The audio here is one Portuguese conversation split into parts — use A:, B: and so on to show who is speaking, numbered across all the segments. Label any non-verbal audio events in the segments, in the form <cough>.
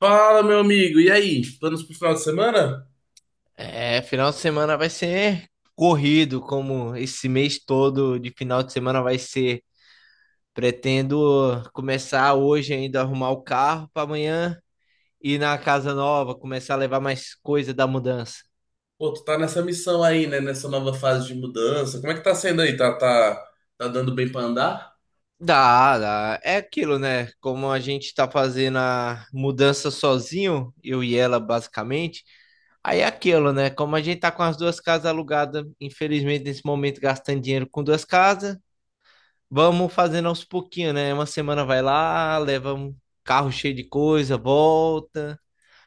A: Fala, meu amigo. E aí? Planos pro final de semana?
B: É, final de semana vai ser corrido, como esse mês todo de final de semana vai ser. Pretendo começar hoje ainda a arrumar o carro para amanhã ir na casa nova, começar a levar mais coisa da mudança.
A: Pô, tu tá nessa missão aí, né? Nessa nova fase de mudança. Como é que tá sendo aí? Tá, tá dando bem pra andar?
B: Dá, dá. É aquilo, né? Como a gente tá fazendo a mudança sozinho, eu e ela basicamente. Aí é aquilo, né? Como a gente tá com as duas casas alugadas, infelizmente nesse momento gastando dinheiro com duas casas, vamos fazendo aos pouquinhos, né? Uma semana vai lá, leva um carro cheio de coisa, volta.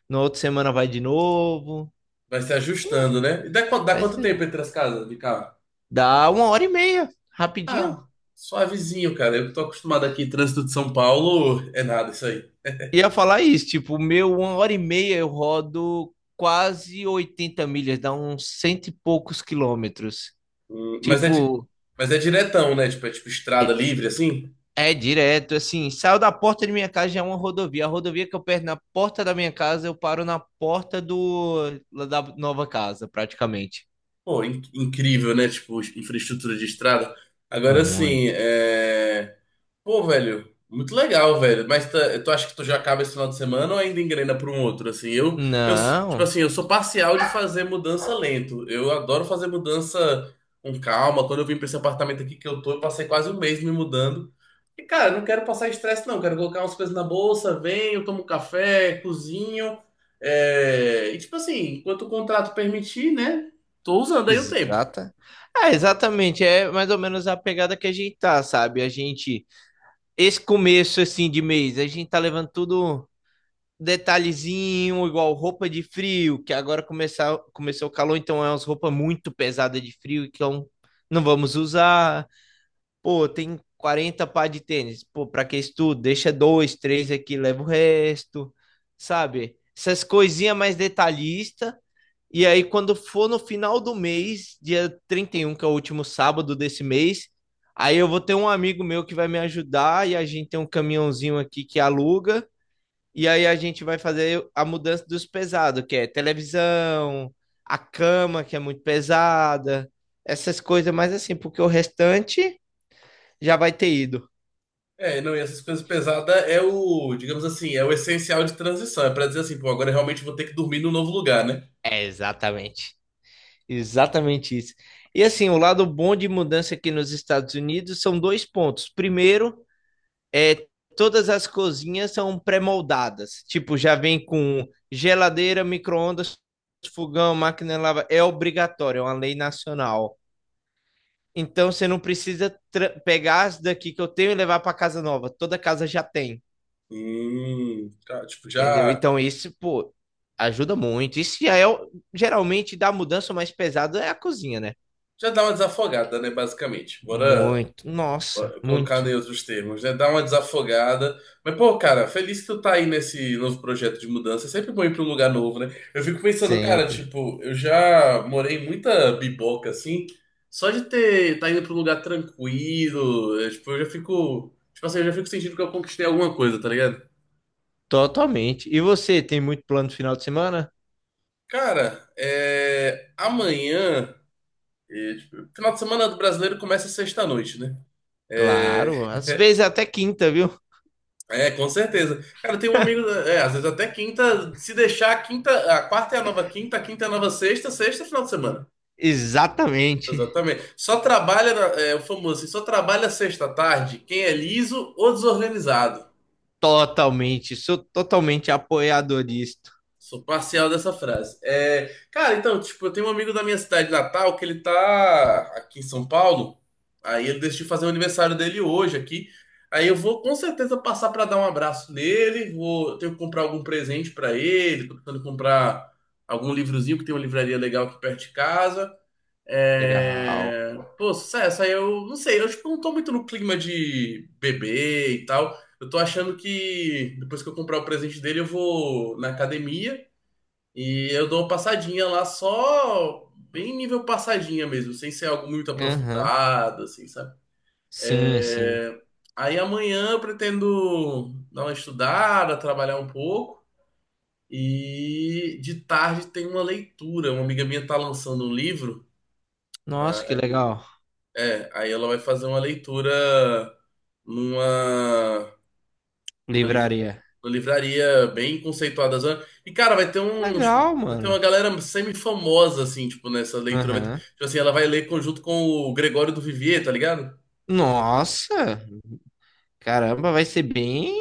B: Na outra semana vai de novo.
A: Vai se
B: Ih,
A: ajustando, né? E dá, dá
B: vai
A: quanto
B: ser-
A: tempo entre as casas de carro?
B: dá uma hora e meia, rapidinho.
A: Ah, suavezinho, cara. Eu que tô acostumado aqui, trânsito de São Paulo, é nada isso aí.
B: Ia falar isso, tipo, o meu uma hora e meia eu rodo quase 80 milhas, dá uns cento e poucos quilômetros.
A: Hum, mas é, di-
B: Tipo,
A: mas é diretão, né? Tipo, é tipo estrada livre, assim.
B: é direto, assim, saio da porta de minha casa já é uma rodovia. A rodovia que eu perco na porta da minha casa, eu paro na porta da nova casa, praticamente.
A: Pô, incrível, né? Tipo, infraestrutura de estrada. Agora, assim,
B: Muito.
A: é. Pô, velho, muito legal, velho. Mas tu acha que tu já acaba esse final de semana ou ainda engrena para um outro? Assim, eu, tipo
B: Não,
A: assim, eu sou parcial de fazer mudança lento. Eu adoro fazer mudança com calma. Quando eu vim para esse apartamento aqui que eu tô, eu passei quase um mês me mudando. E, cara, não quero passar estresse, não. Quero colocar umas coisas na bolsa, venho, tomo um café, cozinho. E, tipo assim, enquanto o contrato permitir, né? Tô usando aí o tempo.
B: exata. Ah, exatamente, é mais ou menos a pegada que a gente tá, sabe? Esse começo assim de mês, a gente tá levando tudo detalhezinho, igual roupa de frio, que agora começou o calor, então é umas roupas muito pesadas de frio, então não vamos usar. Pô, tem 40 par de tênis, pô, pra que isso tudo? Deixa dois, três aqui, leva o resto, sabe? Essas coisinhas mais detalhistas. E aí, quando for no final do mês, dia 31 que é o último sábado desse mês, aí eu vou ter um amigo meu que vai me ajudar e a gente tem um caminhãozinho aqui que aluga. E aí a gente vai fazer a mudança dos pesados, que é televisão, a cama, que é muito pesada, essas coisas, mas assim, porque o restante já vai ter ido.
A: É, não, e essas coisas pesadas é o, digamos assim, é o essencial de transição. É pra dizer assim, pô, agora eu realmente vou ter que dormir num novo lugar, né?
B: É, exatamente. Exatamente isso. E assim, o lado bom de mudança aqui nos Estados Unidos são dois pontos. Primeiro, é, todas as cozinhas são pré-moldadas. Tipo, já vem com geladeira, micro-ondas, fogão, máquina de lavar. É obrigatório, é uma lei nacional. Então você não precisa pegar as daqui que eu tenho e levar para casa nova. Toda casa já tem,
A: Tá,
B: entendeu? Então isso, pô, ajuda muito. Isso já é geralmente da mudança mais pesada é a cozinha, né?
A: já dá uma desafogada, né, basicamente. Bora.
B: Muito, nossa,
A: Colocado
B: muito,
A: em outros termos, né? Dá uma desafogada. Mas, pô, cara, feliz que tu tá aí nesse novo projeto de mudança. É sempre bom ir pra um lugar novo, né? Eu fico pensando, cara,
B: sempre,
A: tipo, eu já morei em muita biboca, assim. Só de ter, tá indo pra um lugar tranquilo, é, tipo, eu já fico. Tipo assim, eu já fico sentindo que eu conquistei alguma coisa, tá ligado?
B: totalmente. E você tem muito plano no final de semana?
A: Cara, é, amanhã. É, tipo, final de semana do brasileiro começa sexta-noite, né? É,
B: Claro, às vezes é até quinta, viu?
A: É, com certeza. Cara, tem um amigo,
B: <laughs>
A: é, às vezes até quinta, se deixar a quinta, a quarta é a nova quinta, a quinta é a nova sexta, sexta é final de semana.
B: Exatamente.
A: Exatamente. É o famoso, assim, só trabalha sexta à tarde quem é liso ou desorganizado.
B: Totalmente. Sou totalmente apoiador disto.
A: Sou parcial dessa frase. É, cara, então, tipo, eu tenho um amigo da minha cidade natal que ele tá aqui em São Paulo. Aí ele decidiu fazer o aniversário dele hoje aqui. Aí eu vou com certeza passar pra dar um abraço nele. Vou ter que comprar algum presente pra ele. Tô tentando comprar algum livrozinho, que tem uma livraria legal aqui perto de casa.
B: Legal.
A: É... Pô, sucesso. Aí eu não sei, eu tipo, não tô muito no clima de beber e tal. Eu tô achando que depois que eu comprar o presente dele, eu vou na academia. E eu dou uma passadinha lá só bem nível passadinha mesmo, sem ser algo muito
B: Aham.
A: aprofundado, assim, sabe?
B: Sim, sim.
A: É, aí amanhã eu pretendo dar uma estudada, trabalhar um pouco. E de tarde tem uma leitura. Uma amiga minha tá lançando um livro.
B: Nossa, que
A: Aí...
B: legal.
A: É, aí ela vai fazer uma leitura numa Uma, liv-
B: Livraria.
A: uma livraria bem conceituada. Zona. E, cara, vai ter
B: É
A: uns.
B: legal,
A: Vai ter uma
B: mano.
A: galera semi-famosa, assim, tipo, nessa leitura.
B: Aham.
A: Tipo assim, ela vai ler conjunto com o Gregório do Vivier, tá ligado?
B: Nossa. Caramba, vai ser bem,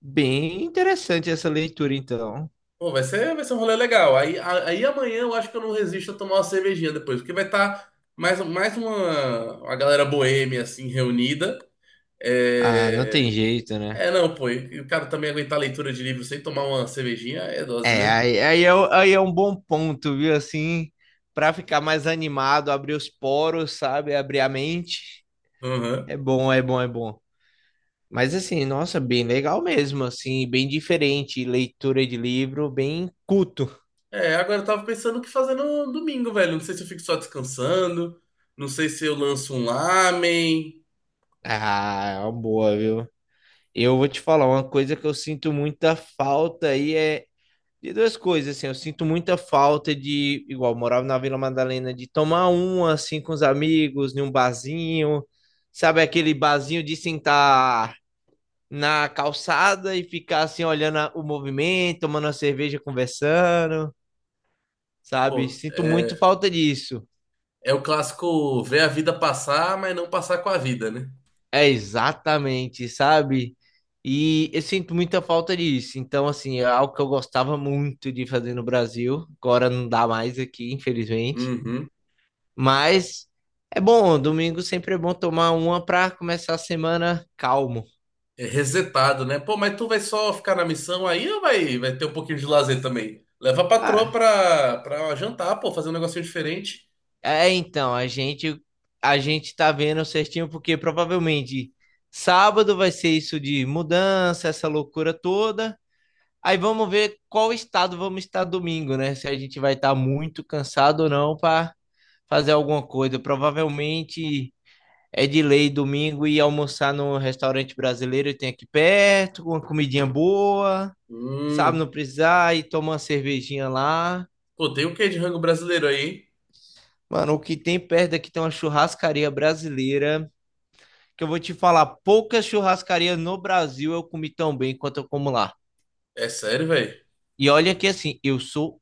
B: bem interessante essa leitura, então.
A: Pô, vai ser um rolê legal. Aí amanhã eu acho que eu não resisto a tomar uma cervejinha depois, porque vai estar mais, uma galera boêmia, assim, reunida.
B: Ah, não tem
A: É.
B: jeito, né?
A: É, não, pô, e o cara também aguentar a leitura de livro sem tomar uma cervejinha é dose,
B: É,
A: né?
B: aí, é, aí é um bom ponto, viu? Assim, pra ficar mais animado, abrir os poros, sabe? Abrir a mente.
A: Aham.
B: É bom, é bom, é bom. Mas assim, nossa, bem legal mesmo, assim, bem diferente, leitura de livro, bem culto.
A: É, agora eu tava pensando o que fazer no domingo, velho. Não sei se eu fico só descansando, não sei se eu lanço um lamen.
B: Ah, é uma boa, viu? Eu vou te falar uma coisa que eu sinto muita falta aí é de duas coisas, assim, eu sinto muita falta de, igual, eu morava na Vila Madalena, de tomar um assim com os amigos, num barzinho, sabe aquele barzinho de sentar na calçada e ficar assim olhando o movimento, tomando uma cerveja, conversando. Sabe?
A: Pô,
B: Sinto muito
A: é,
B: falta disso.
A: é o clássico ver a vida passar, mas não passar com a vida, né?
B: É exatamente, sabe? E eu sinto muita falta disso. Então, assim, é algo que eu gostava muito de fazer no Brasil. Agora não dá mais aqui, infelizmente.
A: Uhum.
B: Mas é bom, domingo sempre é bom tomar uma para começar a semana calmo.
A: É resetado, né? Pô, mas tu vai só ficar na missão aí ou vai ter um pouquinho de lazer também? Leva a patroa
B: Ah,
A: pra jantar, pô, fazer um negocinho diferente.
B: é então, a gente tá vendo certinho porque provavelmente sábado vai ser isso de mudança, essa loucura toda. Aí vamos ver qual estado vamos estar domingo, né? Se a gente vai estar muito cansado ou não para fazer alguma coisa. Provavelmente é de lei domingo ir almoçar no restaurante brasileiro que tem aqui perto, com uma comidinha boa, sabe?
A: Hum.
B: Não precisar e tomar uma cervejinha lá.
A: Pô, tem o quê de rango brasileiro aí, hein?
B: Mano, o que tem perto aqui tem uma churrascaria brasileira, que eu vou te falar, poucas churrascarias no Brasil eu comi tão bem quanto eu como lá.
A: É sério, velho?
B: E olha que assim, eu sou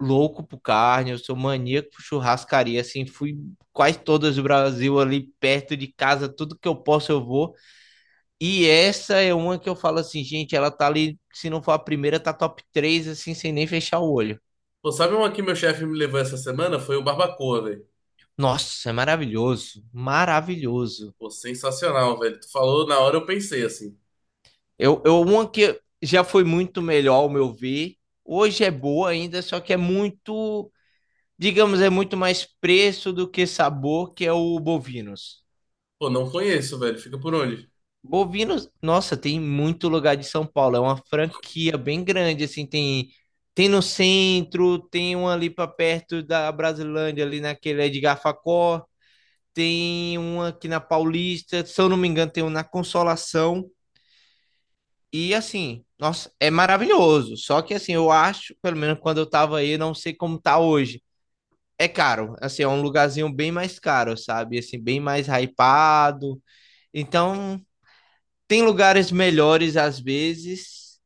B: louco por carne, eu sou maníaco por churrascaria, assim, fui quase todas do Brasil ali perto de casa, tudo que eu posso eu vou. E essa é uma que eu falo assim, gente, ela tá ali, se não for a primeira, tá top 3 assim, sem nem fechar o olho.
A: Pô, sabe uma que meu chefe me levou essa semana? Foi o Barbacoa, velho.
B: Nossa, é maravilhoso, maravilhoso.
A: Pô, sensacional, velho. Tu falou, na hora eu pensei assim.
B: Eu uma que já foi muito melhor, ao meu ver. Hoje é boa ainda, só que é muito, digamos, é muito mais preço do que sabor, que é o Bovinos.
A: Pô, não conheço, velho. Fica por onde?
B: Bovinos, nossa, tem muito lugar de São Paulo. É uma franquia bem grande, assim, tem no centro, tem uma ali para perto da Brasilândia, ali naquele Edgar Facó, tem uma aqui na Paulista, se eu não me engano, tem uma na Consolação. E assim, nossa, é maravilhoso. Só que assim, eu acho, pelo menos quando eu tava aí, não sei como tá hoje. É caro, assim, é um lugarzinho bem mais caro, sabe? Assim, bem mais hypado. Então, tem lugares melhores às vezes,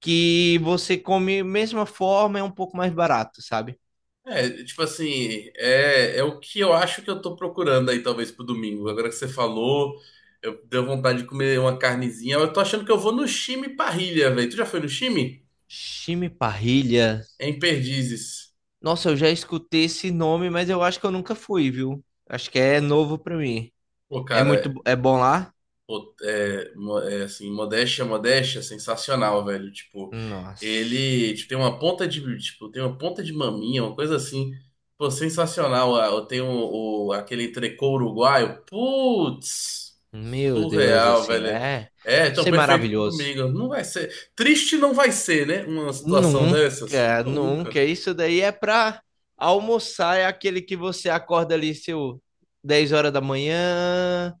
B: que você come mesma forma, é um pouco mais barato, sabe?
A: É, tipo assim, é o que eu acho que eu tô procurando aí, talvez, pro domingo. Agora que você falou, eu deu vontade de comer uma carnezinha. Eu tô achando que eu vou no Chime Parrilha, velho. Tu já foi no Chime?
B: Chimiparrilha.
A: É em Perdizes.
B: Nossa, eu já escutei esse nome, mas eu acho que eu nunca fui, viu? Acho que é novo pra mim.
A: Pô,
B: É muito,
A: cara,
B: é bom lá?
A: pô, é, assim, modéstia, sensacional, velho. Tipo,
B: Nossa.
A: ele, tipo, tem uma ponta de, tipo, tem uma ponta de maminha, uma coisa assim. Pô, sensacional. Ah, eu tenho aquele entrecô uruguaio. Putz,
B: Meu Deus,
A: surreal,
B: assim,
A: velho.
B: é,
A: É, então
B: isso é
A: perfeito pro
B: maravilhoso.
A: domingo. Não vai ser. Triste não vai ser, né? Uma situação dessas?
B: Nunca,
A: Nunca.
B: nunca. Isso daí é pra almoçar, é aquele que você acorda ali seu 10 horas da manhã,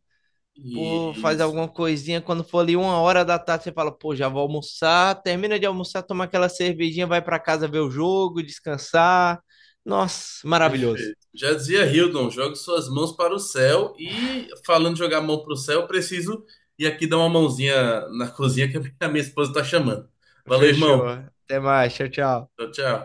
B: pô, faz
A: Isso.
B: alguma coisinha. Quando for ali uma hora da tarde, você fala, pô, já vou almoçar. Termina de almoçar, toma aquela cervejinha, vai para casa ver o jogo, descansar. Nossa, maravilhoso.
A: Perfeito. Já dizia Hildon, jogue suas mãos para o céu e falando de jogar a mão para o céu, eu preciso ir aqui dar uma mãozinha na cozinha que a minha <laughs> a minha esposa está chamando. Valeu,
B: Fechou.
A: irmão.
B: Até mais. Tchau, tchau.
A: Tchau, tchau.